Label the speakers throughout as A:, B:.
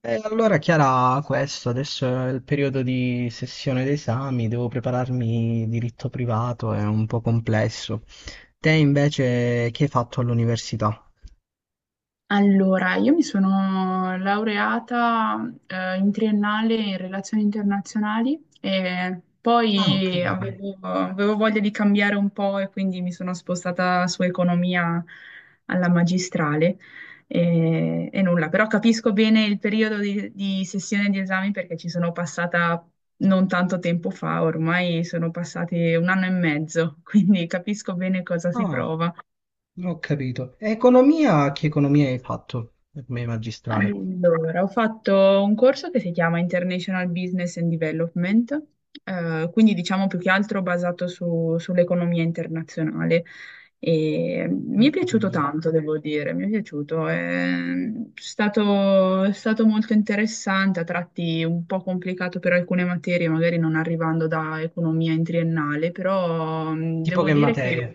A: E allora Chiara, questo adesso è il periodo di sessione d'esami, devo prepararmi diritto privato, è un po' complesso. Te invece che hai fatto all'università?
B: Allora, io mi sono laureata in triennale in relazioni internazionali e
A: Ah, ho
B: poi
A: capito.
B: avevo voglia di cambiare un po' e quindi mi sono spostata su economia alla magistrale e nulla, però capisco bene il periodo di sessione di esami perché ci sono passata non tanto tempo fa, ormai sono passati un anno e mezzo, quindi capisco bene cosa si
A: Ah,
B: prova.
A: ho capito. E economia, che economia hai fatto per me magistrale?
B: Allora, ho fatto un corso che si chiama International Business and Development, quindi diciamo più che altro basato sull'economia internazionale. E mi
A: Ho
B: è piaciuto
A: capito.
B: tanto, devo dire, mi è piaciuto. È stato molto interessante, a tratti un po' complicato per alcune materie, magari non arrivando da economia in triennale, però
A: Tipo
B: devo
A: che
B: dire che.
A: materie?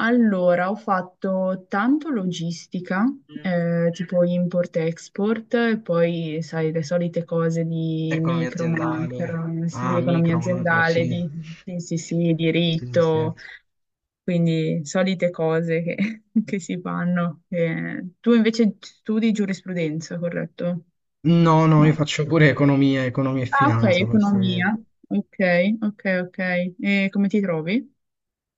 B: Allora, ho fatto tanto logistica, tipo import-export, e poi, sai, le solite cose di
A: Economia
B: micro,
A: aziendale,
B: macro, sì,
A: ah,
B: economia
A: micro, macro,
B: aziendale,
A: sì.
B: sì, sì, sì,
A: Sì, sì, sì.
B: diritto, quindi solite cose che, che si fanno. Tu invece studi giurisprudenza, corretto?
A: No, no, io
B: No.
A: faccio pure economia, economia e
B: Ah, ok,
A: finanza, faccio io.
B: economia. Ok, ok, ok. E come ti trovi?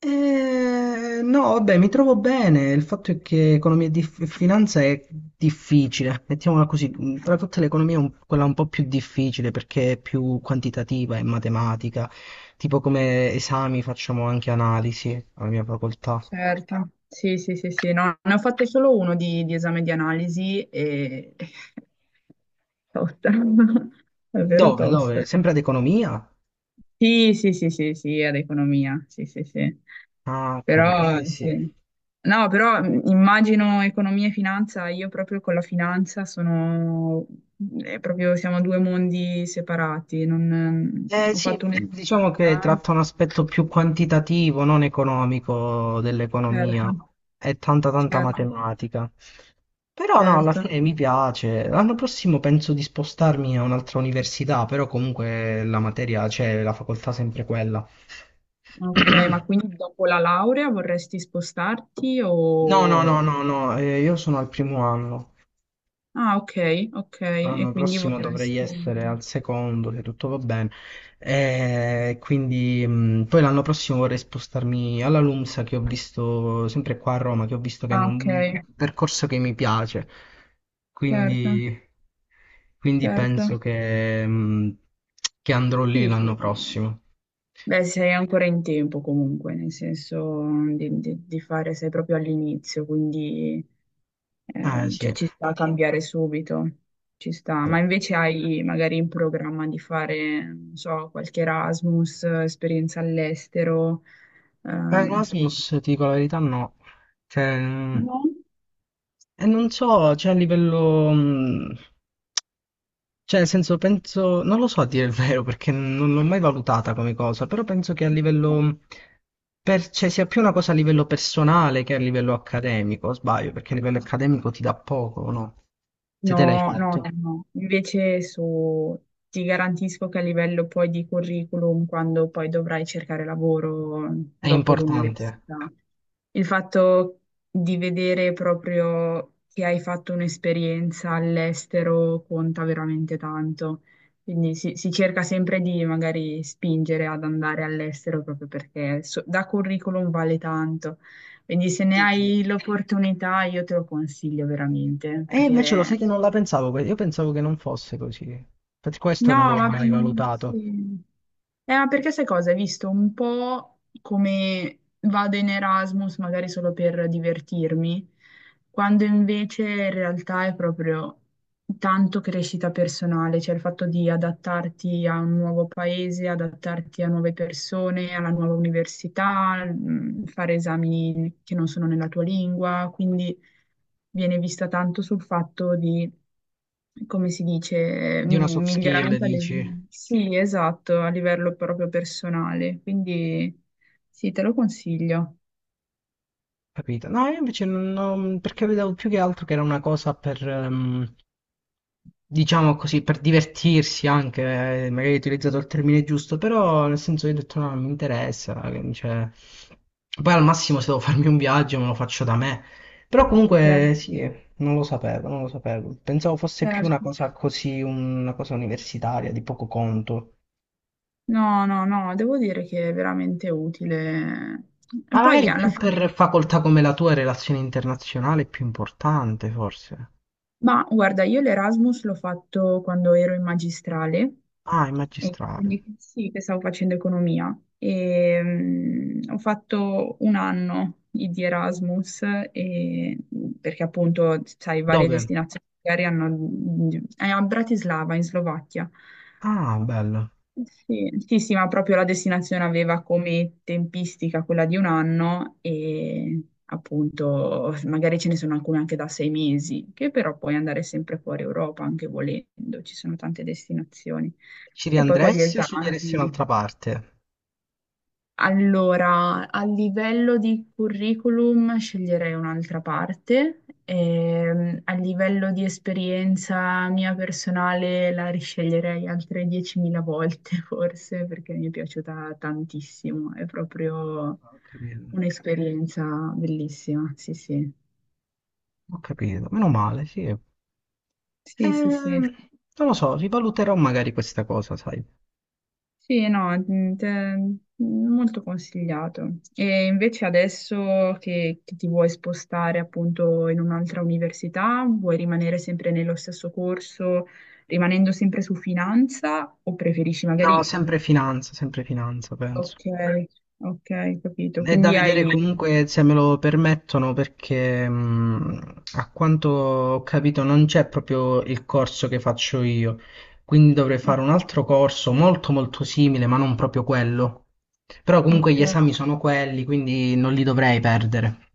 A: No, vabbè, mi trovo bene. Il fatto è che economia e finanza è difficile, mettiamola così. Tra tutte le economie, è quella un po' più difficile perché è più quantitativa e matematica. Tipo come esami facciamo anche analisi alla mia facoltà.
B: Certo, sì, sì, sì, sì, no, ne ho fatte solo uno di esame di analisi e tosta, davvero
A: Dove?
B: tosta.
A: Dove? Sempre ad economia?
B: Sì, sì, sì, sì, sì, ad economia, sì, sì, sì,
A: Ah, capito. Eh
B: però
A: sì.
B: sì. No, però immagino economia e finanza, io proprio con la finanza sono, è proprio, siamo due mondi separati, non,
A: Eh
B: ho
A: sì,
B: fatto un
A: diciamo che
B: esame.
A: tratta un aspetto più quantitativo, non economico dell'economia.
B: Certo,
A: È tanta tanta
B: certo,
A: matematica. Però no, alla
B: certo.
A: fine mi piace. L'anno prossimo penso di spostarmi a un'altra università, però comunque la materia c'è, la facoltà è sempre quella.
B: Ok, ma quindi dopo la laurea vorresti spostarti
A: No, no, no,
B: o.
A: no, no, io sono al primo anno.
B: Ah, ok, ok, e
A: L'anno
B: quindi
A: prossimo dovrei
B: vorresti.
A: essere al secondo, se tutto va bene. E quindi poi l'anno prossimo vorrei spostarmi alla LUMSA che ho visto sempre qua a Roma, che ho visto che
B: Ah,
A: hanno
B: ok,
A: un percorso che mi piace.
B: certo,
A: Quindi, quindi
B: certo.
A: penso che andrò lì
B: Sì, sì,
A: l'anno
B: sì.
A: prossimo.
B: Beh, sei ancora in tempo comunque, nel senso di fare, sei proprio all'inizio, quindi
A: Eh
B: cioè,
A: sì.
B: ci sta a cambiare subito, ci sta.
A: Eh,
B: Ma invece hai magari in programma di fare, non so, qualche Erasmus, esperienza all'estero? eh,
A: Erasmus, ti dico la verità, no. Cioè,
B: No?
A: e non so, cioè a livello... cioè, nel senso, penso, non lo so a dire il vero perché non l'ho mai valutata come cosa, però penso che a
B: Ok.
A: livello, per, cioè, sia più una cosa a livello personale che a livello accademico, o sbaglio, perché a livello accademico ti dà poco, no? Se te l'hai
B: No, no,
A: fatto,
B: no, no. Invece ti garantisco che a livello poi di curriculum, quando poi dovrai cercare lavoro
A: è
B: dopo
A: importante.
B: l'università, il fatto di vedere proprio che hai fatto un'esperienza all'estero conta veramente tanto. Quindi si cerca sempre di magari spingere ad andare all'estero proprio perché da curriculum vale tanto. Quindi se ne
A: Dici.
B: hai l'opportunità io te lo consiglio veramente
A: E invece lo sai
B: perché.
A: che non la pensavo, io pensavo che non fosse così, per questo
B: No,
A: non l'ho
B: ma
A: mai valutato.
B: sì. Ma perché sai cosa? Hai visto un po' come vado in Erasmus, magari solo per divertirmi, quando invece in realtà è proprio tanto crescita personale, cioè il fatto di adattarti a un nuovo paese, adattarti a nuove persone, alla nuova università, fare esami che non sono nella tua lingua, quindi viene vista tanto sul fatto di come si dice,
A: Di una soft skill,
B: miglioramento a
A: dici?
B: livello, sì, esatto, a livello proprio personale. Quindi sì, te lo consiglio.
A: Capito? No, io invece non perché vedevo più che altro che era una cosa per, diciamo così, per divertirsi anche, magari hai utilizzato il termine giusto, però nel senso io ho detto no, non mi interessa, cioè... Poi al massimo se devo farmi un viaggio me lo faccio da me, però
B: Eh,
A: comunque sì, non lo sapevo, non lo sapevo, pensavo fosse più
B: certo.
A: una cosa così, una cosa universitaria, di poco conto,
B: No, no, no, devo dire che è veramente utile. E
A: ma
B: poi
A: magari
B: alla
A: più per
B: fine.
A: facoltà come la tua, relazione internazionale è più importante forse.
B: Ma guarda, io l'Erasmus l'ho fatto quando ero in magistrale,
A: Ah, in
B: e
A: magistrale.
B: quindi sì, che stavo facendo economia. E ho fatto un anno di Erasmus, e- perché appunto, sai, varie
A: Dove?
B: destinazioni magari hanno. È a Bratislava, in Slovacchia.
A: Ah, bello.
B: Sì, sì, sì, ma proprio la destinazione aveva come tempistica quella di un anno e appunto magari ce ne sono alcune anche da 6 mesi, che però puoi andare sempre fuori Europa anche volendo, ci sono tante destinazioni.
A: Ci
B: E poi con gli
A: riandresti o sceglieresti
B: esami.
A: un'altra parte?
B: Allora, a livello di curriculum sceglierei un'altra parte, a livello di esperienza mia personale la risceglierei altre 10.000 volte forse perché mi è piaciuta tantissimo, è proprio
A: Ho capito,
B: un'esperienza bellissima, sì sì.
A: ho capito. Meno male, sì.
B: Sì, sì, sì.
A: Ehm, non lo so, rivaluterò magari questa cosa, sai.
B: Sì, no, molto consigliato. E invece adesso che ti vuoi spostare appunto in un'altra università, vuoi rimanere sempre nello stesso corso, rimanendo sempre su finanza o preferisci
A: No,
B: magari.
A: sempre finanza, penso.
B: Ok, ok, capito.
A: È da
B: Quindi
A: vedere
B: hai.
A: comunque se me lo permettono perché a quanto ho capito non c'è proprio il corso che faccio io, quindi dovrei fare un altro corso molto molto simile, ma non proprio quello. Però comunque
B: Ok,
A: gli esami sono quelli, quindi non li dovrei perdere.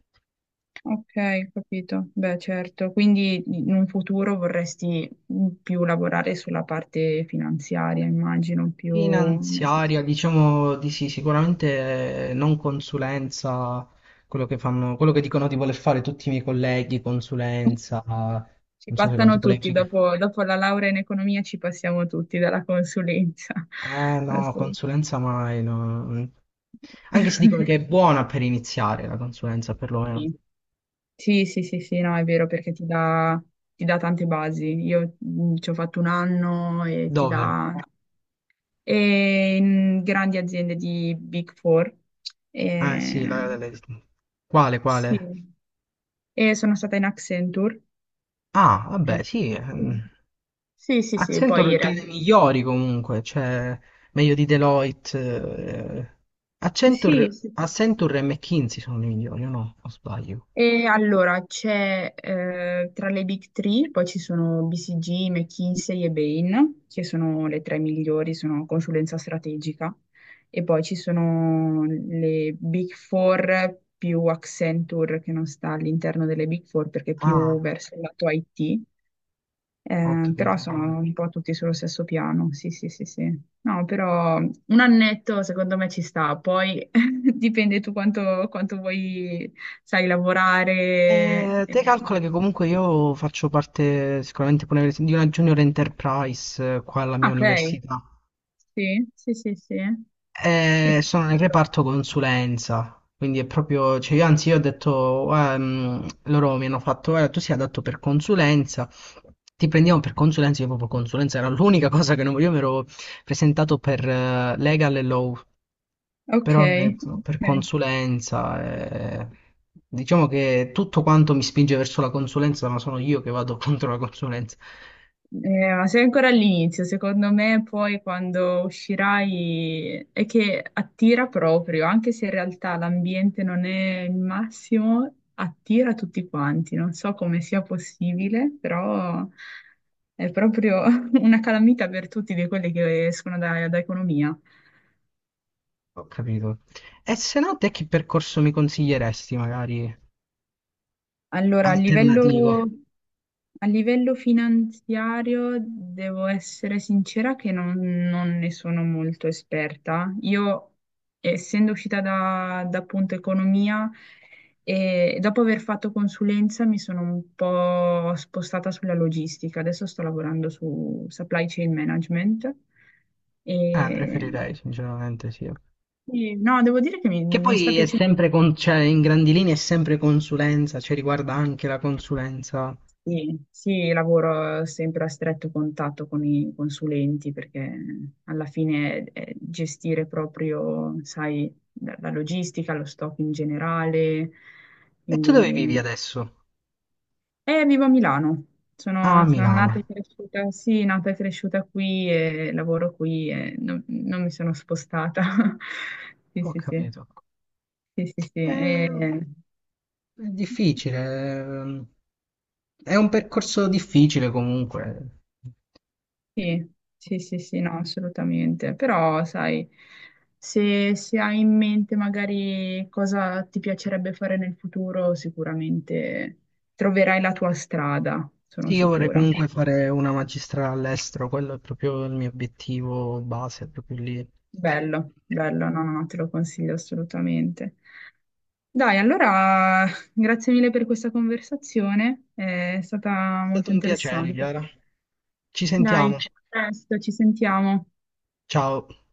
B: ok, capito. Beh, certo. Quindi in un futuro vorresti più lavorare sulla parte finanziaria, immagino, più.
A: Finanziaria, diciamo di sì, sicuramente non consulenza, quello che fanno, quello che dicono di voler fare tutti i miei colleghi, consulenza,
B: Ci
A: non so se con
B: passano
A: tipo lei
B: tutti,
A: qui.
B: dopo la laurea in economia ci passiamo tutti dalla consulenza.
A: Eh no,
B: Assolutamente.
A: consulenza mai. No. Anche se dicono che è buona per iniziare la consulenza, perlomeno.
B: Sì, sì, sì, sì, sì, no, è vero perché ti dà tante basi. Io ci ho fatto un anno e ti
A: Dove?
B: dà. E in grandi aziende di Big Four.
A: Eh sì,
B: E,
A: la, quale,
B: sì,
A: quale?
B: e sono stata in Accenture.
A: Ah,
B: Eh,
A: vabbè, sì.
B: sì, sì, sì, poi
A: Accenture
B: in
A: tra
B: realtà.
A: le migliori comunque, cioè meglio di Deloitte. Eh.
B: Sì, sì.
A: Accenture,
B: Sì.
A: Accenture e McKinsey sono le migliori, o no? O sbaglio?
B: E allora c'è tra le Big Three, poi ci sono BCG, McKinsey e Bain, che sono le tre migliori, sono consulenza strategica, e poi ci sono le Big Four più Accenture che non sta all'interno delle Big Four perché è
A: Ah,
B: più verso il lato IT,
A: ho
B: però
A: capito.
B: sono un po' tutti sullo stesso piano, sì, sì, sì, sì. No, però un annetto secondo me ci sta, poi dipende tu quanto vuoi, sai, lavorare.
A: Te calcola che comunque io faccio parte sicuramente pure di una junior enterprise qua alla
B: Ah,
A: mia
B: ok,
A: università.
B: sì, sì, sì, sì.
A: Sono nel reparto consulenza, quindi è proprio, cioè io anzi io ho detto, loro mi hanno fatto, guarda, tu sei adatto per consulenza, ti prendiamo per consulenza, io proprio consulenza era l'unica cosa che non volevo, io mi ero presentato per legal e law,
B: Ok,
A: però ecco, per
B: ok.
A: consulenza, diciamo che tutto quanto mi spinge verso la consulenza, ma sono io che vado contro la consulenza.
B: Ma sei ancora all'inizio, secondo me poi quando uscirai è che attira proprio, anche se in realtà l'ambiente non è il massimo, attira tutti quanti. Non so come sia possibile, però è proprio una calamita per tutti di quelli che escono da economia.
A: Ho capito. E se no, te che percorso mi consiglieresti, magari
B: Allora, a
A: alternativo?
B: livello, a livello finanziario devo essere sincera che non ne sono molto esperta. Io, essendo uscita da appunto economia, e dopo aver fatto consulenza mi sono un po' spostata sulla logistica. Adesso sto lavorando su supply chain management.
A: Ah,
B: E,
A: preferirei, sinceramente, sì.
B: e no, devo dire che mi
A: Che
B: mi sta
A: poi è
B: piacendo.
A: sempre, con, cioè, in grandi linee è sempre consulenza, cioè riguarda anche la consulenza.
B: Sì, sì, lavoro sempre a stretto contatto con i consulenti perché alla fine è gestire proprio, sai, la logistica, lo stock in generale.
A: E tu dove
B: Quindi,
A: vivi adesso?
B: vivo a Milano.
A: Ah, a
B: Sono nata e
A: Milano.
B: cresciuta, sì, nata e cresciuta qui e lavoro qui e non mi sono spostata. Sì,
A: Ho
B: sì, sì.
A: capito.
B: Sì, sì, sì.
A: Ehm, è difficile, ehm, è un percorso difficile comunque.
B: Sì, sì, sì, sì, no, assolutamente. Però, sai, se hai in mente magari cosa ti piacerebbe fare nel futuro, sicuramente troverai la tua strada, sono
A: Sì, io vorrei
B: sicura.
A: comunque fare una magistrale all'estero, quello è proprio il mio obiettivo base, è proprio lì. È
B: Bello, bello, no, no, no, te lo consiglio assolutamente. Dai, allora, grazie mille per questa conversazione, è stata
A: stato
B: molto
A: un piacere,
B: interessante.
A: Chiara. Ci
B: Dai,
A: sentiamo.
B: a presto, ci sentiamo.
A: Ciao.